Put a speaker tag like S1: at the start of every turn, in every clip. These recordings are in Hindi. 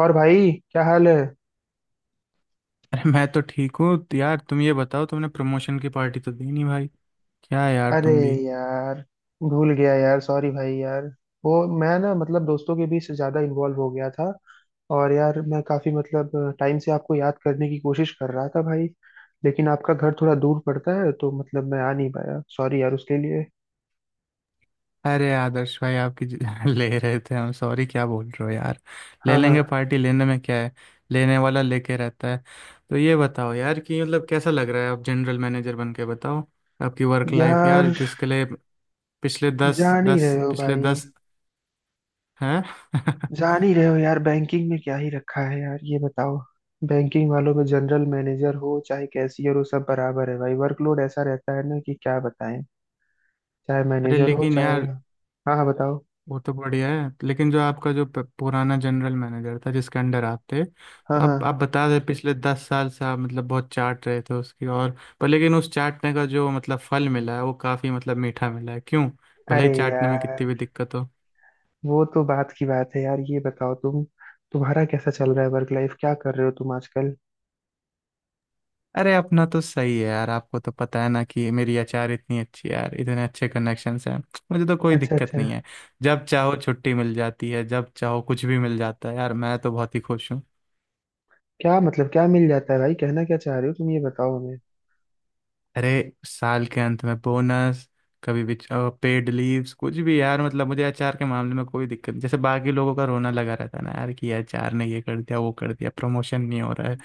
S1: और भाई, क्या हाल है?
S2: अरे मैं तो ठीक हूँ। तो यार तुम ये बताओ, तुमने प्रमोशन की पार्टी तो दी नहीं भाई। क्या यार
S1: अरे
S2: तुम भी।
S1: यार, भूल गया यार। सॉरी भाई यार। वो, मैं ना मतलब दोस्तों के बीच ज्यादा इन्वॉल्व हो गया था। और यार, मैं काफी मतलब टाइम से आपको याद करने की कोशिश कर रहा था भाई। लेकिन आपका घर थोड़ा दूर पड़ता है, तो मतलब मैं आ नहीं पाया। सॉरी यार उसके लिए।
S2: अरे आदर्श भाई आपकी ले रहे थे हम। सॉरी, क्या बोल रहे हो यार। ले
S1: हाँ हाँ,
S2: लेंगे, पार्टी लेने में क्या है। लेने वाला लेके रहता है। तो ये बताओ यार कि मतलब कैसा लग रहा है, आप जनरल मैनेजर बन के बताओ। आपकी वर्क लाइफ यार,
S1: यार
S2: जिसके लिए
S1: जान ही रहे हो
S2: पिछले
S1: भाई।
S2: 10। हैं?
S1: जान ही रहे हो यार, बैंकिंग में क्या ही रखा है यार, ये बताओ। बैंकिंग वालों में जनरल मैनेजर हो चाहे कैशियर हो, सब बराबर है भाई। वर्कलोड ऐसा रहता है ना कि क्या बताएं। चाहे
S2: अरे
S1: मैनेजर हो
S2: लेकिन
S1: चाहे।
S2: यार,
S1: हाँ हाँ, बताओ।
S2: वो तो बढ़िया है, लेकिन जो आपका जो पुराना जनरल मैनेजर था जिसके अंडर आप थे,
S1: हाँ
S2: तो आप
S1: हाँ।
S2: बता रहे पिछले 10 साल से आप मतलब बहुत चाट रहे थे उसकी, और पर लेकिन उस चाटने का जो मतलब फल मिला है वो काफी मतलब मीठा मिला है, क्यों। भले ही
S1: अरे
S2: चाटने में
S1: यार,
S2: कितनी भी दिक्कत हो।
S1: वो तो बात की बात है यार। ये बताओ तुम, तुम्हारा कैसा चल रहा है? वर्क लाइफ क्या कर रहे हो तुम आजकल?
S2: अरे अपना तो सही है यार। आपको तो पता है ना कि मेरी अचार इतनी अच्छी है यार, इतने अच्छे कनेक्शंस हैं। मुझे तो कोई
S1: अच्छा
S2: दिक्कत
S1: अच्छा।
S2: नहीं है। जब चाहो छुट्टी मिल जाती है, जब चाहो कुछ भी मिल जाता है यार। मैं तो बहुत ही खुश हूँ।
S1: क्या मतलब, क्या मिल जाता है भाई? कहना क्या चाह रहे हो तुम, ये बताओ हमें।
S2: अरे साल के अंत में बोनस, कभी भी पेड लीव्स, कुछ भी यार, मतलब मुझे एचआर के मामले में कोई दिक्कत नहीं, जैसे बाकी लोगों का रोना लगा रहता है ना यार कि एचआर ने ये कर दिया वो कर दिया, प्रमोशन नहीं हो रहा है,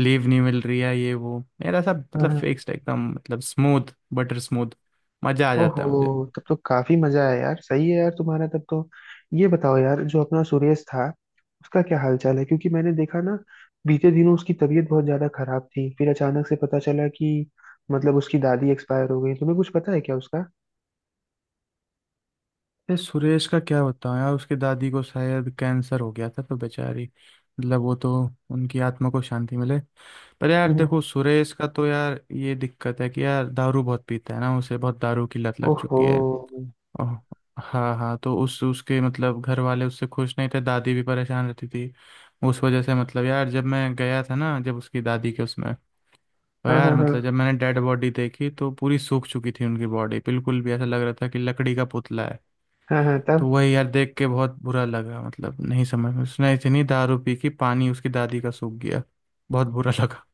S2: लीव नहीं मिल रही है, ये वो। मेरा सब
S1: हाँ
S2: मतलब
S1: हाँ।
S2: फिक्स्ड, एकदम मतलब स्मूथ, बटर स्मूथ। मजा आ जाता
S1: ओहो,
S2: है।
S1: तब तो काफी मजा आया यार। सही है यार तुम्हारा, तब तो ये बताओ यार, जो अपना सुरेश था उसका क्या हालचाल है? क्योंकि मैंने देखा ना, बीते दिनों उसकी तबीयत बहुत ज्यादा खराब थी। फिर अचानक से पता चला कि मतलब उसकी दादी एक्सपायर हो गई। तुम्हें कुछ पता है क्या उसका?
S2: ये सुरेश का क्या बताऊं यार। उसकी दादी को शायद कैंसर हो गया था, तो बेचारी मतलब वो तो, उनकी आत्मा को शांति मिले। पर यार देखो
S1: हम्म।
S2: सुरेश का तो यार ये दिक्कत है कि यार दारू बहुत पीता है ना, उसे बहुत दारू की लत लग
S1: ओहो।
S2: चुकी है। ओह, हाँ हाँ, तो उस उसके मतलब घर वाले उससे खुश नहीं थे, दादी भी परेशान रहती थी। उस वजह से मतलब यार जब मैं गया था ना, जब उसकी दादी के उसमें, तो
S1: हाँ
S2: यार
S1: हाँ हाँ।
S2: मतलब जब मैंने डेड बॉडी देखी तो पूरी सूख चुकी थी उनकी बॉडी बिल्कुल भी, ऐसा लग रहा था कि लकड़ी का पुतला है।
S1: हाँ हाँ
S2: तो
S1: तब।
S2: वही यार, देख के बहुत बुरा लगा मतलब, नहीं समझ में, उसने इतनी दारू पी कि पानी उसकी दादी का सूख गया। बहुत बुरा लगा।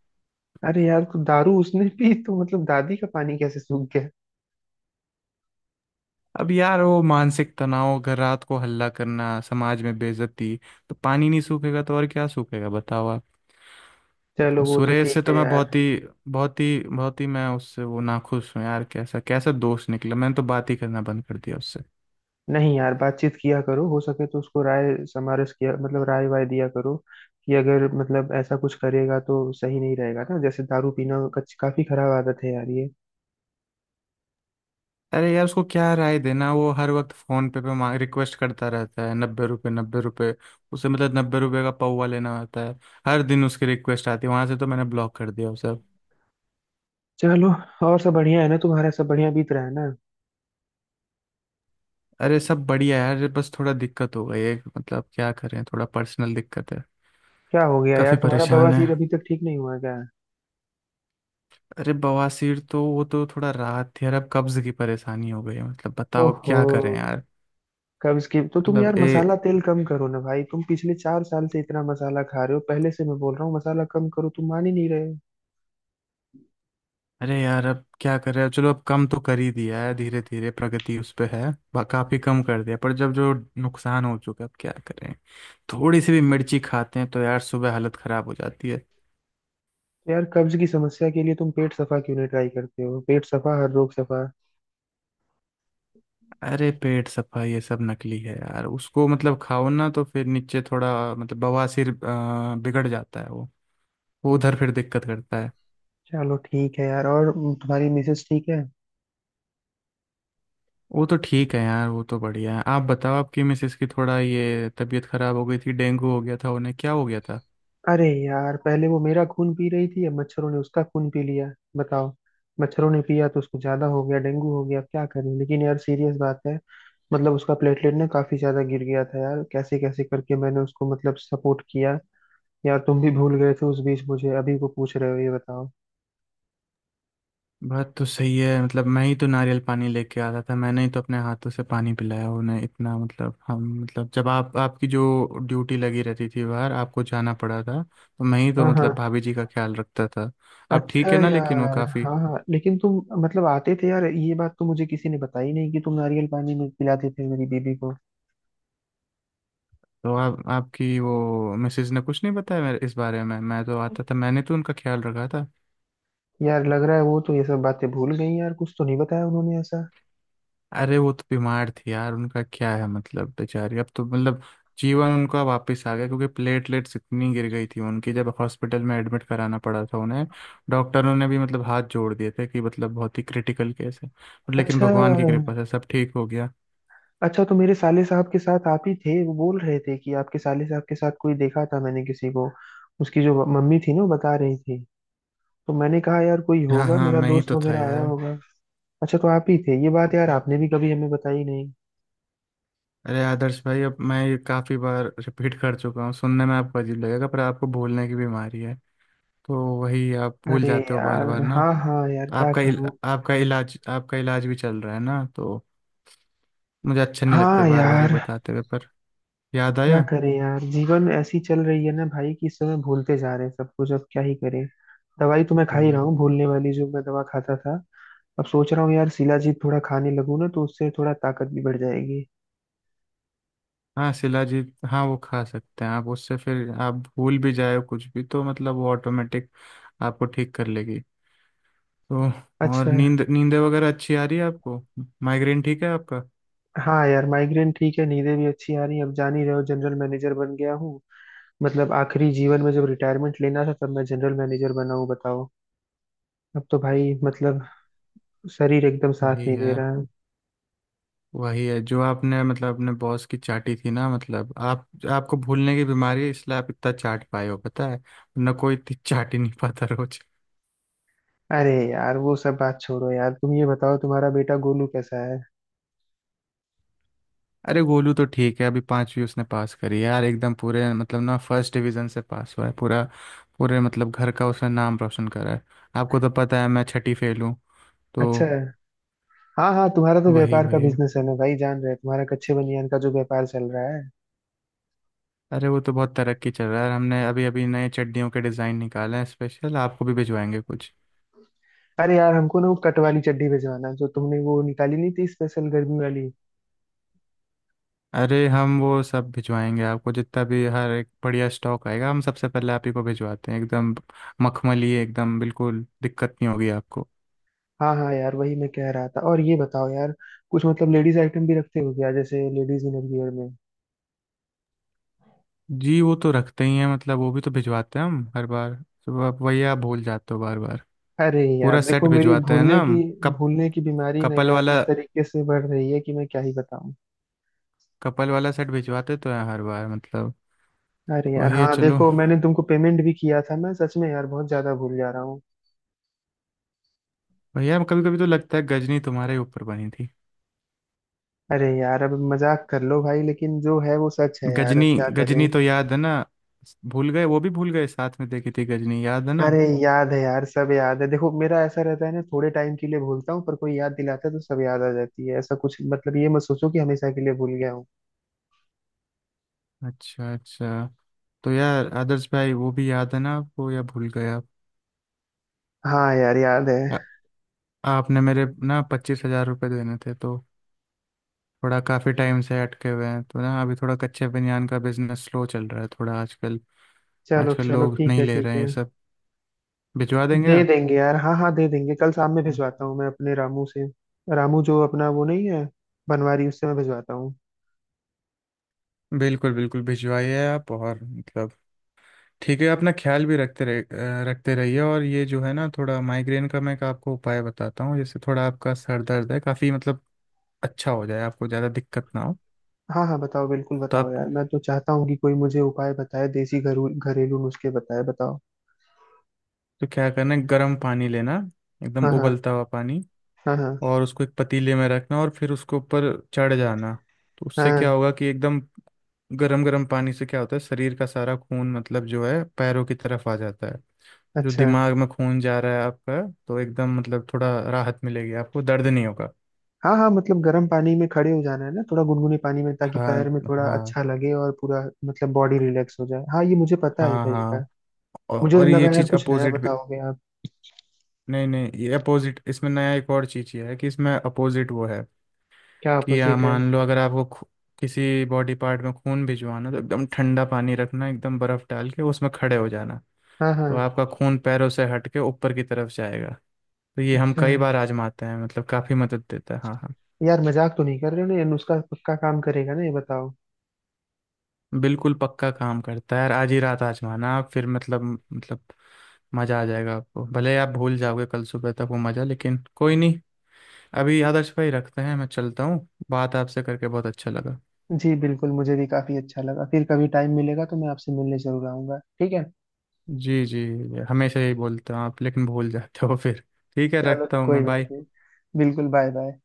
S1: अरे यार, तो दारू उसने पी तो मतलब दादी का पानी कैसे सूख गया?
S2: अब यार वो मानसिक तनाव, घर रात को हल्ला करना, समाज में बेइज्जती, तो पानी नहीं सूखेगा तो और क्या सूखेगा, बताओ आप।
S1: चलो, वो तो
S2: सुरेश
S1: ठीक
S2: से तो
S1: है
S2: मैं
S1: यार।
S2: बहुत ही बहुत ही बहुत ही मैं उससे वो नाखुश हूँ यार, कैसा कैसा दोस्त निकला, मैंने तो बात ही करना बंद कर दिया।
S1: नहीं यार, बातचीत किया करो, हो सके तो उसको राय समारस किया मतलब राय वाय दिया करो कि अगर मतलब ऐसा कुछ करेगा तो सही नहीं रहेगा ना। जैसे दारू पीना काफी खराब आदत है यार ये।
S2: अरे यार उसको क्या राय देना, वो हर वक्त फोन पे पे मांग रिक्वेस्ट करता रहता है, 90 रुपए 90 रुपए, उसे मतलब 90 रुपए का पौवा लेना होता है। हर दिन उसकी रिक्वेस्ट आती है वहां से, तो मैंने ब्लॉक कर दिया उसे अब।
S1: चलो, और सब बढ़िया है ना? तुम्हारा सब बढ़िया बीत रहा है ना?
S2: अरे सब बढ़िया है यार, बस थोड़ा दिक्कत हो गई है मतलब, क्या करें, थोड़ा पर्सनल दिक्कत है।
S1: क्या हो गया यार,
S2: काफी
S1: तुम्हारा
S2: परेशान है।
S1: बवासीर अभी तक ठीक नहीं हुआ क्या?
S2: अरे बवासीर तो, वो तो थोड़ा राहत थी यार, अब कब्ज की परेशानी हो गई है मतलब, बताओ अब
S1: ओहो।
S2: क्या करें यार।
S1: कब्ज की तो तुम
S2: मतलब
S1: यार
S2: ए
S1: मसाला तेल कम करो ना भाई। तुम पिछले 4 साल से इतना मसाला खा रहे हो, पहले से मैं बोल रहा हूँ मसाला कम करो, तुम मान ही नहीं रहे हो।
S2: अरे यार अब क्या कर रहे हो, चलो अब कम तो कर ही दिया है, धीरे धीरे प्रगति उस पे है। काफी कम कर दिया, पर जब जो नुकसान हो चुका है, अब क्या करें। थोड़ी सी भी मिर्ची खाते हैं तो यार सुबह हालत खराब हो जाती है।
S1: तो यार, कब्ज की समस्या के लिए तुम पेट सफा क्यों नहीं ट्राई करते हो? पेट सफा, हर रोग सफा।
S2: अरे पेट सफा ये सब नकली है यार, उसको मतलब खाओ ना तो फिर नीचे थोड़ा मतलब बवासीर बिगड़ जाता है वो। वो उधर फिर दिक्कत करता है।
S1: चलो ठीक है यार। और तुम्हारी मिसेस ठीक है?
S2: वो तो ठीक है यार, वो तो बढ़िया है। आप बताओ, आपकी मिसेस की थोड़ा ये तबीयत खराब हो गई थी, डेंगू हो गया था, उन्हें क्या हो गया था।
S1: अरे यार, पहले वो मेरा खून पी रही थी, अब मच्छरों ने उसका खून पी लिया। बताओ। मच्छरों ने पिया तो उसको ज्यादा हो गया, डेंगू हो गया। अब क्या करें, लेकिन यार सीरियस बात है। मतलब उसका प्लेटलेट ना काफी ज्यादा गिर गया था यार, कैसे कैसे करके मैंने उसको मतलब सपोर्ट किया। यार, तुम भी भूल गए थे उस बीच, मुझे अभी को पूछ रहे हो, ये बताओ।
S2: बात तो सही है मतलब, मैं ही तो नारियल पानी लेके आता था, मैंने ही तो अपने हाथों से पानी पिलाया उन्हें इतना मतलब। हम मतलब जब आप आपकी जो ड्यूटी लगी रहती थी बाहर आपको जाना पड़ा था, तो मैं ही तो
S1: हाँ हाँ।
S2: मतलब भाभी जी का ख्याल रखता था। अब
S1: अच्छा
S2: ठीक है ना, लेकिन वो
S1: यार,
S2: काफ़ी।
S1: हाँ हाँ, लेकिन तुम मतलब आते थे यार, ये बात तो मुझे किसी ने बताई नहीं कि तुम नारियल पानी में पिलाते थे मेरी बीबी को।
S2: तो आप आपकी वो मिसेज ने कुछ नहीं बताया मेरे इस बारे में। मैं तो आता था, मैंने तो उनका ख्याल रखा था।
S1: यार लग रहा है वो तो ये सब बातें भूल गई यार, कुछ तो नहीं बताया उन्होंने ऐसा।
S2: अरे वो तो बीमार थी यार, उनका क्या है मतलब बेचारी, अब तो मतलब जीवन उनका वापस आ गया, क्योंकि प्लेटलेट्स इतनी गिर गई थी उनकी जब हॉस्पिटल में एडमिट कराना पड़ा था उन्हें। डॉक्टरों ने भी मतलब हाथ जोड़ दिए थे कि मतलब बहुत ही क्रिटिकल केस है, बट लेकिन
S1: अच्छा,
S2: भगवान की कृपा से सब ठीक हो गया।
S1: अच्छा तो मेरे साले साहब के साथ आप ही थे। वो बोल रहे थे कि आपके साले साहब के साथ कोई देखा था, मैंने किसी को। उसकी जो मम्मी थी ना, वो बता रही थी। तो मैंने कहा यार कोई
S2: हाँ
S1: होगा
S2: हाँ,
S1: मेरा
S2: मैं ही
S1: दोस्त
S2: तो था
S1: वगैरह आया
S2: यार।
S1: होगा। अच्छा, तो आप ही थे ये बात। यार आपने भी कभी हमें बताई नहीं।
S2: अरे आदर्श भाई, अब मैं ये काफ़ी बार रिपीट कर चुका हूँ, सुनने में आपको अजीब लगेगा, पर आपको भूलने की बीमारी है तो वही आप भूल
S1: अरे
S2: जाते हो बार
S1: यार,
S2: बार ना।
S1: हाँ हाँ यार, क्या
S2: आपका इल,
S1: करूँ।
S2: आपका इलाज आपका इलाज भी चल रहा है ना, तो मुझे अच्छा नहीं लगता
S1: हाँ
S2: बार बार ये
S1: यार,
S2: बताते हुए पर याद
S1: क्या
S2: आया।
S1: करें यार, जीवन ऐसी चल रही है ना भाई कि इस समय भूलते जा रहे हैं सब कुछ, अब क्या ही करें। दवाई तो मैं खा
S2: वही
S1: ही रहा
S2: वही।
S1: हूँ, भूलने वाली जो मैं दवा खाता था। अब सोच रहा हूँ यार शिलाजीत थोड़ा खाने लगूँ ना, तो उससे थोड़ा ताकत भी बढ़ जाएगी।
S2: हाँ शिलाजीत हाँ, वो खा सकते हैं आप, उससे फिर आप भूल भी जाए कुछ भी तो मतलब वो ऑटोमेटिक आपको ठीक कर लेगी। तो और
S1: अच्छा।
S2: नींद नींद वगैरह अच्छी आ रही है आपको, माइग्रेन ठीक है आपका।
S1: हाँ यार, माइग्रेन ठीक है, नींदें भी अच्छी आ रही हैं। अब जान ही रहे हो, जनरल मैनेजर बन गया हूँ। मतलब आखिरी जीवन में जब रिटायरमेंट लेना था, तब मैं जनरल मैनेजर बना हूँ, बताओ। अब तो भाई मतलब शरीर एकदम साथ
S2: वही
S1: नहीं दे
S2: है,
S1: रहा है।
S2: वही है जो आपने मतलब अपने बॉस की चाटी थी ना, मतलब आप आपको भूलने की बीमारी है इसलिए आप इतना चाट पाए हो, पता है ना, कोई इतनी चाट ही नहीं पाता रोज।
S1: अरे यार, वो सब बात छोड़ो यार। तुम ये बताओ, तुम्हारा बेटा गोलू कैसा है?
S2: अरे गोलू तो ठीक है, अभी 5वीं उसने पास करी है यार एकदम, पूरे मतलब ना फर्स्ट डिवीजन से पास हुआ है, पूरा पूरे मतलब घर का उसने नाम रोशन करा है। आपको तो पता है मैं छठी फेल हूँ। तो
S1: अच्छा है। हाँ हाँ, तुम्हारा तो
S2: वही
S1: व्यापार का
S2: वही।
S1: बिजनेस है ना भाई, जान रहे हैं तुम्हारा कच्चे बनियान का जो व्यापार चल रहा है।
S2: अरे वो तो बहुत तरक्की चल रहा है, हमने अभी अभी नए चड्डियों के डिज़ाइन निकाले हैं स्पेशल, आपको भी भिजवाएंगे कुछ।
S1: अरे यार, हमको ना वो कट वाली चड्डी भिजवाना है, जो तुमने वो निकाली नहीं थी, स्पेशल गर्मी वाली।
S2: अरे हम वो सब भिजवाएंगे आपको, जितना भी हर एक बढ़िया स्टॉक आएगा हम सबसे पहले आप ही को भिजवाते हैं, एकदम मखमली, एकदम बिल्कुल दिक्कत नहीं होगी आपको।
S1: हाँ हाँ यार, वही मैं कह रहा था। और ये बताओ यार, कुछ मतलब लेडीज आइटम भी रखते हो क्या? जैसे लेडीज इनरवियर में।
S2: जी वो तो रखते ही हैं मतलब, वो भी तो भिजवाते हैं हम हर बार। तो आप वही, आप भूल जाते हो बार बार।
S1: अरे यार
S2: पूरा सेट
S1: देखो मेरी
S2: भिजवाते हैं
S1: भूलने
S2: ना
S1: की
S2: हम, कप
S1: भूलने की बीमारी ना
S2: कपल
S1: यार,
S2: वाला
S1: इस तरीके से बढ़ रही है कि मैं क्या ही बताऊं।
S2: कपल वाला सेट भिजवाते तो हैं हर बार मतलब।
S1: अरे यार,
S2: वही है,
S1: हाँ
S2: चलो
S1: देखो, मैंने तुमको पेमेंट भी किया था। मैं सच में यार बहुत ज्यादा भूल जा रहा हूँ।
S2: भैया, कभी कभी तो लगता है गजनी तुम्हारे ऊपर बनी थी।
S1: अरे यार, अब मजाक कर लो भाई, लेकिन जो है वो सच है यार,
S2: गजनी,
S1: अब क्या
S2: गजनी
S1: करें।
S2: तो याद है ना? भूल गए? वो भी भूल गए, साथ में देखी थी गजनी, याद है ना?
S1: अरे याद है यार, सब याद है। देखो मेरा ऐसा रहता है ना, थोड़े टाइम के लिए भूलता हूँ, पर कोई याद दिलाता है तो सब याद आ जाती है ऐसा कुछ। मतलब ये मत सोचो कि हमेशा के लिए भूल गया हूँ।
S2: अच्छा अच्छा, तो यार आदर्श भाई वो भी याद है ना आपको, या भूल गए आप?
S1: हाँ यार, याद है।
S2: आ- आपने मेरे ना 25,000 रुपये देने थे तो, थोड़ा काफ़ी टाइम से अटके हुए हैं तो ना, अभी थोड़ा कच्चे बनियान का बिजनेस स्लो चल रहा है थोड़ा आजकल।
S1: चलो
S2: आजकल
S1: चलो,
S2: लोग
S1: ठीक
S2: नहीं
S1: है
S2: ले रहे
S1: ठीक
S2: हैं
S1: है।
S2: ये सब। भिजवा देंगे
S1: दे
S2: आप?
S1: देंगे यार, हाँ हाँ दे देंगे, कल शाम में
S2: हाँ।
S1: भिजवाता हूँ मैं अपने रामू से। रामू जो अपना वो नहीं है, बनवारी, उससे मैं भिजवाता हूँ।
S2: बिल्कुल बिल्कुल भिजवाइए आप। और मतलब ठीक है, अपना ख्याल भी रखते रह, रखते रहिए। और ये जो है ना, थोड़ा माइग्रेन का मैं एक आपको उपाय बताता हूँ, जैसे थोड़ा आपका सर दर्द है काफ़ी मतलब, अच्छा हो जाए, आपको ज़्यादा दिक्कत ना हो।
S1: हाँ हाँ बताओ, बिल्कुल
S2: तो
S1: बताओ
S2: आप
S1: यार। मैं तो चाहता हूँ कि कोई मुझे उपाय बताए, देसी घरू घरेलू नुस्खे बताए, बताओ।
S2: तो क्या करना है, गर्म पानी लेना, एकदम
S1: हाँ हाँ।
S2: उबलता हुआ पानी,
S1: हाँ हाँ
S2: और उसको एक पतीले में रखना, और फिर उसके ऊपर चढ़ जाना। तो उससे क्या
S1: हाँ।
S2: होगा कि एकदम गरम गरम पानी से क्या होता है, शरीर का सारा खून मतलब जो है, पैरों की तरफ आ जाता है, जो
S1: अच्छा।
S2: दिमाग में खून जा रहा है आपका, तो एकदम मतलब थोड़ा राहत मिलेगी आपको, दर्द नहीं होगा।
S1: हाँ हाँ, मतलब गर्म पानी में खड़े हो जाना है ना, थोड़ा गुनगुने पानी में ताकि
S2: हाँ
S1: पैर में थोड़ा
S2: हाँ।
S1: अच्छा लगे और पूरा मतलब बॉडी रिलैक्स हो जाए। हाँ, ये मुझे पता है ये
S2: हाँ हाँ।
S1: तरीका। मुझे तो
S2: और ये
S1: लगा यार
S2: चीज
S1: कुछ नया
S2: अपोजिट भी।
S1: बताओगे आप।
S2: नहीं नहीं, ये अपोजिट इसमें नया एक और चीज ये है, कि इसमें अपोजिट वो है
S1: क्या
S2: कि
S1: अपोजिट है?
S2: मान लो, अगर आपको किसी बॉडी पार्ट में खून भिजवाना, तो एकदम ठंडा पानी रखना, एकदम बर्फ डाल के उसमें खड़े हो जाना।
S1: हाँ हाँ।
S2: तो आपका खून पैरों से हट के ऊपर की तरफ जाएगा। तो ये हम
S1: अच्छा।
S2: कई बार आजमाते हैं मतलब, काफ़ी मदद देता है। हाँ हाँ।
S1: यार मजाक तो नहीं कर रहे हो ना, ये नुस्खा पक्का काम करेगा ना, ये बताओ।
S2: बिल्कुल पक्का काम करता है यार, आज ही रात आजमाना आप, फिर मतलब मज़ा आ जाएगा आपको, भले आप भूल जाओगे कल सुबह तक वो मज़ा, लेकिन कोई नहीं। अभी आदर्श भाई रखते हैं, मैं चलता हूँ, बात आपसे करके बहुत अच्छा लगा।
S1: जी बिल्कुल, मुझे भी काफी अच्छा लगा। फिर कभी टाइम मिलेगा तो मैं आपसे मिलने जरूर आऊंगा, ठीक है।
S2: जी जी, हमेशा यही बोलते हो आप लेकिन भूल जाते हो फिर। ठीक है
S1: चलो
S2: रखता हूँ
S1: कोई
S2: मैं,
S1: बात
S2: बाय।
S1: नहीं। बिल्कुल, बाय बाय।